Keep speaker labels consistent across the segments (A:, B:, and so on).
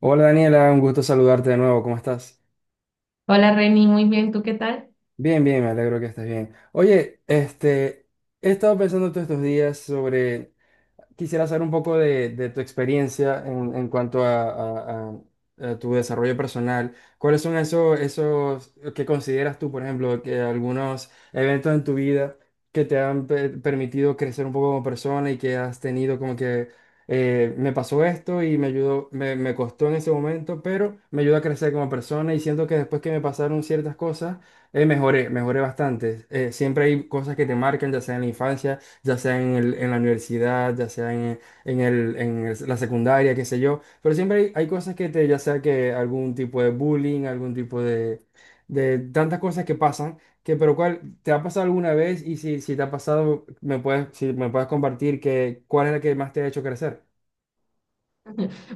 A: Hola Daniela, un gusto saludarte de nuevo, ¿cómo estás?
B: Hola Reni, muy bien, ¿tú qué tal?
A: Bien, bien, me alegro que estés bien. Oye, he estado pensando todos estos días sobre quisiera saber un poco de tu experiencia en cuanto a tu desarrollo personal. ¿Cuáles son esos que consideras tú, por ejemplo, que algunos eventos en tu vida que te han permitido crecer un poco como persona y que has tenido como que me pasó esto y me ayudó, me costó en ese momento, pero me ayudó a crecer como persona y siento que después que me pasaron ciertas cosas, mejoré, mejoré bastante. Siempre hay cosas que te marcan, ya sea en la infancia, ya sea en la universidad, ya sea en la secundaria, qué sé yo, pero siempre hay cosas que te, ya sea que algún tipo de bullying, algún tipo de tantas cosas que pasan, que pero cuál, ¿te ha pasado alguna vez? Y si, si te ha pasado, si me puedes compartir que, ¿cuál es la que más te ha hecho crecer?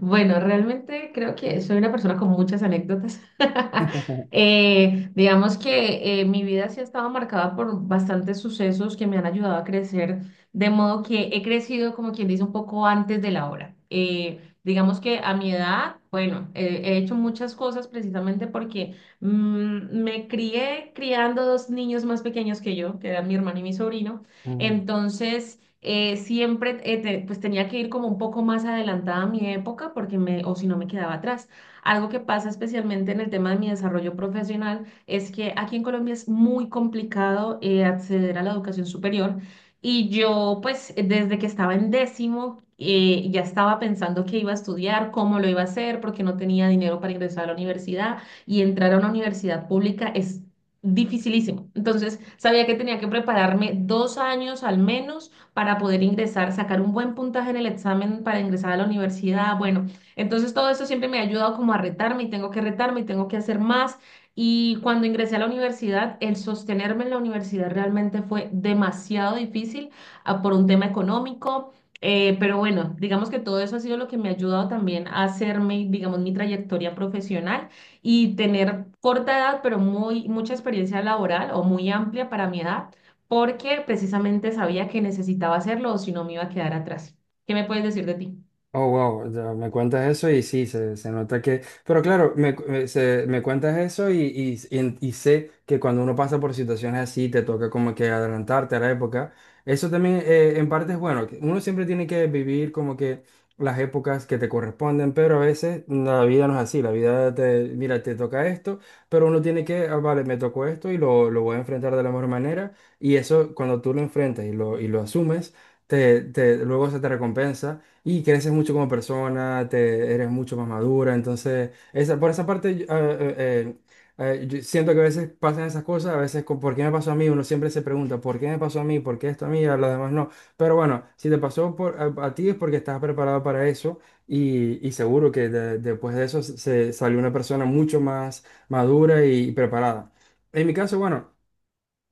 B: Bueno, realmente creo que soy una persona con muchas anécdotas. Digamos que mi vida sí ha estado marcada por bastantes sucesos que me han ayudado a crecer, de modo que he crecido, como quien dice, un poco antes de la hora. Digamos que a mi edad, bueno, he hecho muchas cosas precisamente porque me crié criando dos niños más pequeños que yo, que eran mi hermano y mi sobrino. Entonces siempre pues tenía que ir como un poco más adelantada a mi época porque me, o si no me quedaba atrás. Algo que pasa especialmente en el tema de mi desarrollo profesional es que aquí en Colombia es muy complicado acceder a la educación superior, y yo pues desde que estaba en décimo ya estaba pensando qué iba a estudiar, cómo lo iba a hacer, porque no tenía dinero para ingresar a la universidad, y entrar a una universidad pública es dificilísimo. Entonces sabía que tenía que prepararme 2 años al menos para poder ingresar, sacar un buen puntaje en el examen para ingresar a la universidad. Bueno, entonces todo eso siempre me ha ayudado como a retarme, y tengo que retarme y tengo que hacer más. Y cuando ingresé a la universidad, el sostenerme en la universidad realmente fue demasiado difícil, por un tema económico. Pero bueno, digamos que todo eso ha sido lo que me ha ayudado también a hacerme, digamos, mi trayectoria profesional y tener corta edad, pero muy, mucha experiencia laboral o muy amplia para mi edad porque precisamente sabía que necesitaba hacerlo o si no me iba a quedar atrás. ¿Qué me puedes decir de ti?
A: Oh, wow, ya me cuentas eso y sí, se nota que... Pero claro, me, cu- me- se- me cuentas eso y sé que cuando uno pasa por situaciones así, te toca como que adelantarte a la época. Eso también, en parte es bueno, que uno siempre tiene que vivir como que las épocas que te corresponden, pero a veces la vida no es así, la vida te, mira, te toca esto, pero uno tiene que, ah, vale, me tocó esto y lo voy a enfrentar de la mejor manera y eso cuando tú lo enfrentas y lo asumes, luego se te recompensa y creces mucho como persona, te, eres mucho más madura. Entonces, esa, por esa parte, yo siento que a veces pasan esas cosas, a veces con por qué me pasó a mí, uno siempre se pregunta, ¿por qué me pasó a mí? ¿Por qué esto a mí? A los demás no. Pero bueno, si te pasó por, a ti es porque estás preparado para eso y seguro que después de eso se salió una persona mucho más madura y preparada. En mi caso, bueno.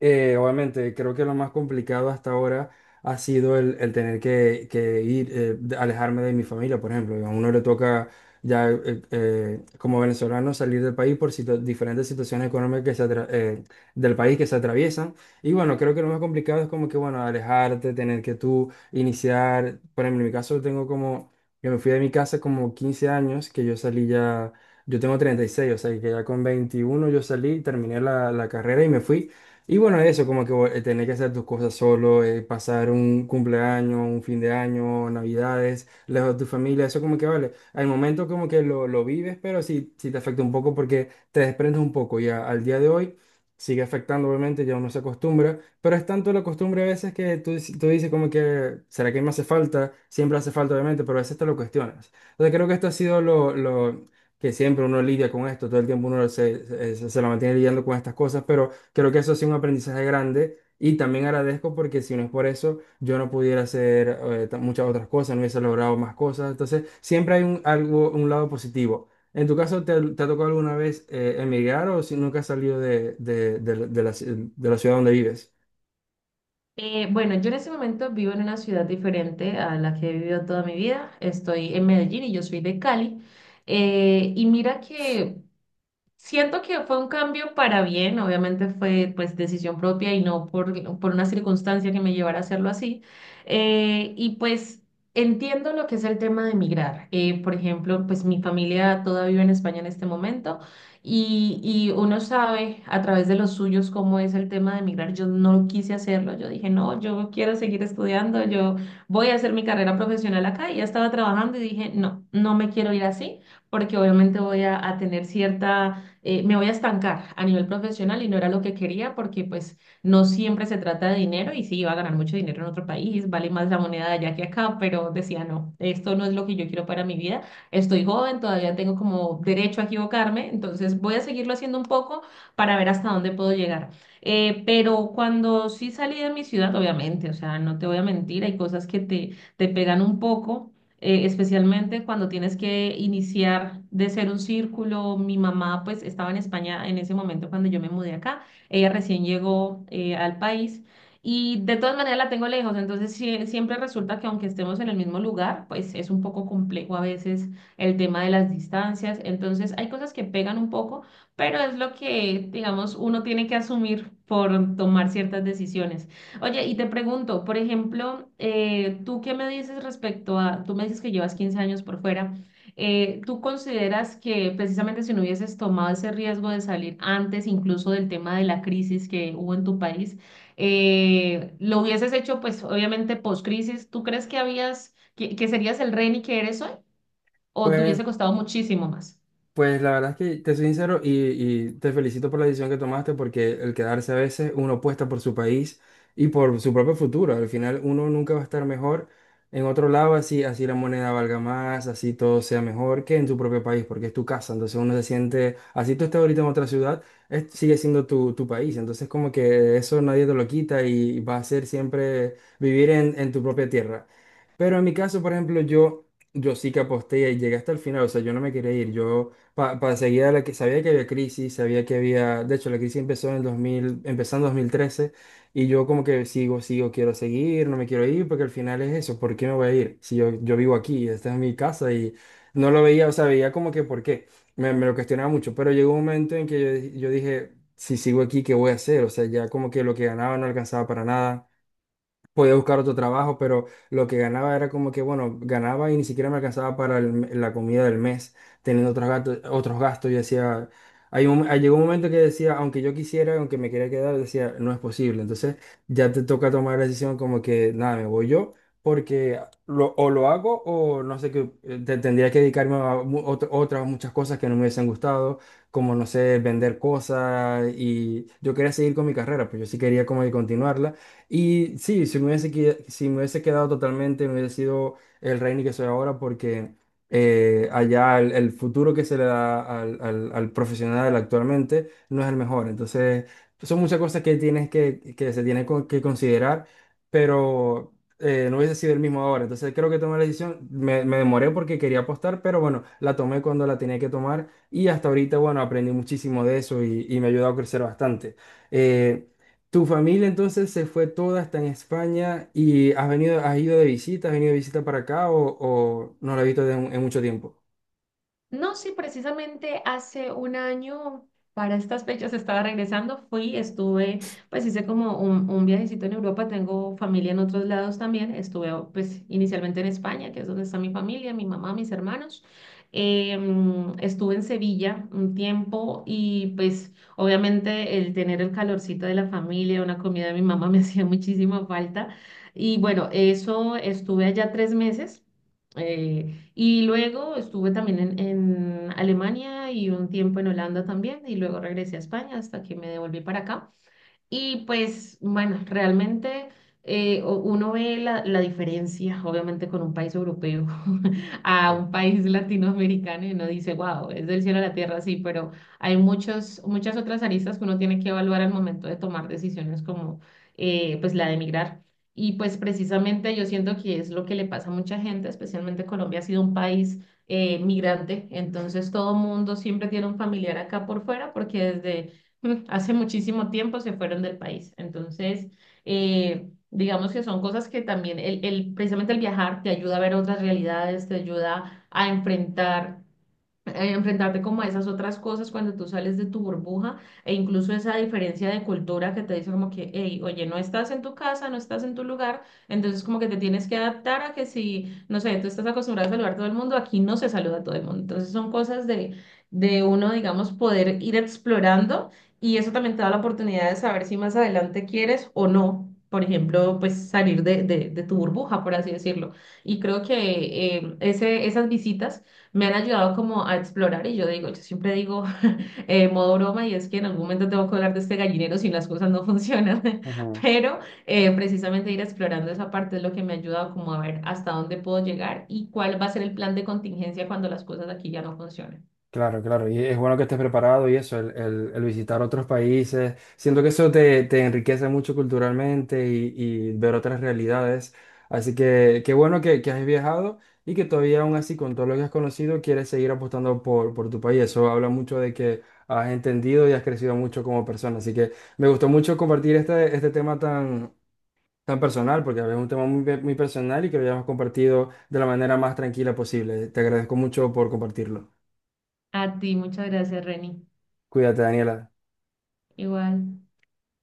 A: Obviamente, creo que lo más complicado hasta ahora ha sido el tener que ir, alejarme de mi familia, por ejemplo. A uno le toca ya, como venezolano salir del país por diferentes situaciones económicas que del país que se atraviesan. Y bueno, creo que lo más complicado es como que, bueno, alejarte, tener que tú iniciar. Por ejemplo, en mi caso tengo como, yo me fui de mi casa como 15 años, que yo salí ya, yo tengo 36, o sea, que ya con 21 yo salí, terminé la carrera y me fui. Y bueno, eso, como que, tener que hacer tus cosas solo, pasar un cumpleaños, un fin de año, navidades, lejos de tu familia, eso como que vale. Al momento como que lo vives, pero sí, sí te afecta un poco porque te desprendes un poco. Ya al día de hoy sigue afectando, obviamente, ya uno se acostumbra, pero es tanto la costumbre a veces que tú dices como que, ¿será que me hace falta? Siempre hace falta, obviamente, pero a veces te lo cuestionas. Entonces creo que esto ha sido lo que siempre uno lidia con esto, todo el tiempo uno se la mantiene lidiando con estas cosas, pero... Creo que eso ha sido un aprendizaje grande y también agradezco porque si no es por eso, yo no pudiera hacer, muchas otras cosas, no hubiese logrado más cosas. Entonces, siempre hay un lado positivo. ¿En tu caso, te ha tocado alguna vez, emigrar o si nunca has salido de la de la ciudad donde vives?
B: Bueno, yo en este momento vivo en una ciudad diferente a la que he vivido toda mi vida. Estoy en Medellín y yo soy de Cali. Y mira que siento que fue un cambio para bien, obviamente fue pues decisión propia y no por, una circunstancia que me llevara a hacerlo así. Y pues entiendo lo que es el tema de emigrar. Por ejemplo, pues mi familia toda vive en España en este momento, y uno sabe a través de los suyos cómo es el tema de emigrar. Yo no quise hacerlo, yo dije, no, yo quiero seguir estudiando, yo voy a hacer mi carrera profesional acá y ya estaba trabajando y dije, no, no me quiero ir así porque obviamente voy a tener cierta me voy a estancar a nivel profesional y no era lo que quería porque pues no siempre se trata de dinero y sí, iba a ganar mucho dinero en otro país, vale más la moneda de allá que acá, pero decía, no, esto no es lo que yo quiero para mi vida, estoy joven, todavía tengo como derecho a equivocarme, entonces voy a seguirlo haciendo un poco para ver hasta dónde puedo llegar. Pero cuando sí salí de mi ciudad, obviamente, o sea, no te voy a mentir, hay cosas que te pegan un poco, especialmente cuando tienes que iniciar de ser un círculo. Mi mamá pues estaba en España en ese momento cuando yo me mudé acá, ella recién llegó al país y de todas maneras la tengo lejos, entonces siempre resulta que aunque estemos en el mismo lugar, pues es un poco complejo a veces el tema de las distancias, entonces hay cosas que pegan un poco, pero es lo que digamos uno tiene que asumir por tomar ciertas decisiones. Oye, y te pregunto, por ejemplo, ¿tú qué me dices respecto a, tú me dices que llevas 15 años por fuera, ¿tú consideras que precisamente si no hubieses tomado ese riesgo de salir antes incluso del tema de la crisis que hubo en tu país, lo hubieses hecho pues obviamente post-crisis, ¿tú crees que habías, que serías el Reni que eres hoy o te
A: Pues
B: hubiese costado muchísimo más?
A: Pues la verdad es que te soy sincero y te felicito por la decisión que tomaste porque el quedarse a veces uno apuesta por su país y por su propio futuro. Al final uno nunca va a estar mejor en otro lado, así, así la moneda valga más, así todo sea mejor que en su propio país porque es tu casa. Entonces uno se siente, así tú estás ahorita en otra ciudad, sigue siendo tu país. Entonces como que eso nadie te lo quita y va a ser siempre vivir en tu propia tierra. Pero en mi caso, por ejemplo, yo sí que aposté y llegué hasta el final. O sea, yo no me quería ir. Yo para seguir a la que sabía que había crisis, sabía que había, de hecho la crisis empezó en el 2000, empezó en 2013 y yo como que quiero seguir, no me quiero ir porque al final es eso, ¿por qué me voy a ir? Si yo vivo aquí, esta es mi casa y no lo veía, o sea, veía como que por qué, me lo cuestionaba mucho, pero llegó un momento en que yo dije, si sigo aquí, ¿qué voy a hacer? O sea, ya como que lo que ganaba no alcanzaba para nada, podía buscar otro trabajo, pero lo que ganaba era como que, bueno, ganaba y ni siquiera me alcanzaba para la comida del mes, teniendo otros gastos, otros gastos. Yo decía, hay llegó un momento que decía, aunque yo quisiera, aunque me quería quedar, decía, no es posible. Entonces ya te toca tomar la decisión como que, nada, me voy yo, porque o lo hago o no sé qué, tendría que dedicarme a otras muchas cosas que no me hubiesen gustado, como, no sé, vender cosas y yo quería seguir con mi carrera, pues yo sí quería como que continuarla y sí, si me hubiese quedado totalmente, me hubiese sido el Reini que soy ahora, porque, allá el futuro que se le da al profesional actualmente no es el mejor. Entonces, son muchas cosas que tienes que, que considerar, pero, no hubiese sido el mismo ahora. Entonces, creo que tomé la decisión, me demoré porque quería apostar, pero bueno, la tomé cuando la tenía que tomar y hasta ahorita, bueno, aprendí muchísimo de eso y me ha ayudado a crecer bastante. Eh, tu familia entonces se fue toda hasta en España y has venido, has venido de visita para acá o no la has visto en mucho tiempo.
B: No, sí, precisamente hace un año, para estas fechas estaba regresando, fui, estuve, pues hice como un viajecito en Europa, tengo familia en otros lados también, estuve pues inicialmente en España, que es donde está mi familia, mi mamá, mis hermanos. Em, estuve en Sevilla un tiempo y pues obviamente el tener el calorcito de la familia, una comida de mi mamá me hacía muchísima falta, y bueno, eso estuve allá 3 meses. Eh, y luego estuve también en Alemania y un tiempo en Holanda también, y luego regresé a España hasta que me devolví para acá. Y pues, bueno, realmente uno ve la, la diferencia, obviamente, con un país europeo a un país latinoamericano y uno dice, wow, es del cielo a la tierra, sí, pero hay muchos, muchas otras aristas que uno tiene que evaluar al momento de tomar decisiones como pues la de emigrar. Y pues precisamente yo siento que es lo que le pasa a mucha gente, especialmente Colombia ha sido un país migrante, entonces todo mundo siempre tiene un familiar acá por fuera porque desde hace muchísimo tiempo se fueron del país. Entonces, digamos que son cosas que también, precisamente el viajar te ayuda a ver otras realidades, te ayuda a enfrentar enfrentarte como a esas otras cosas cuando tú sales de tu burbuja, e incluso esa diferencia de cultura que te dice como que, hey, oye, no estás en tu casa, no estás en tu lugar, entonces como que te tienes que adaptar a que si, no sé, tú estás acostumbrado a saludar a todo el mundo, aquí no se saluda a todo el mundo. Entonces son cosas de uno, digamos, poder ir explorando, y eso también te da la oportunidad de saber si más adelante quieres o no. Por ejemplo, pues salir de, de tu burbuja, por así decirlo. Y creo que ese, esas visitas me han ayudado como a explorar y yo digo, yo siempre digo modo broma y es que en algún momento tengo que hablar de este gallinero si las cosas no funcionan, pero precisamente ir explorando esa parte es lo que me ha ayudado como a ver hasta dónde puedo llegar y cuál va a ser el plan de contingencia cuando las cosas aquí ya no funcionen.
A: Claro, claro, y es bueno que estés preparado y eso, el visitar otros países. Siento que eso te enriquece mucho culturalmente y ver otras realidades. Así que qué bueno que has viajado y que todavía aún así con todo lo que has conocido quieres seguir apostando por tu país. Eso habla mucho de que has entendido y has crecido mucho como persona. Así que me gustó mucho compartir este tema tan, tan personal, porque es un tema muy, muy personal y que lo hayamos compartido de la manera más tranquila posible. Te agradezco mucho por compartirlo.
B: A ti, muchas gracias, Reni.
A: Cuídate, Daniela.
B: Igual.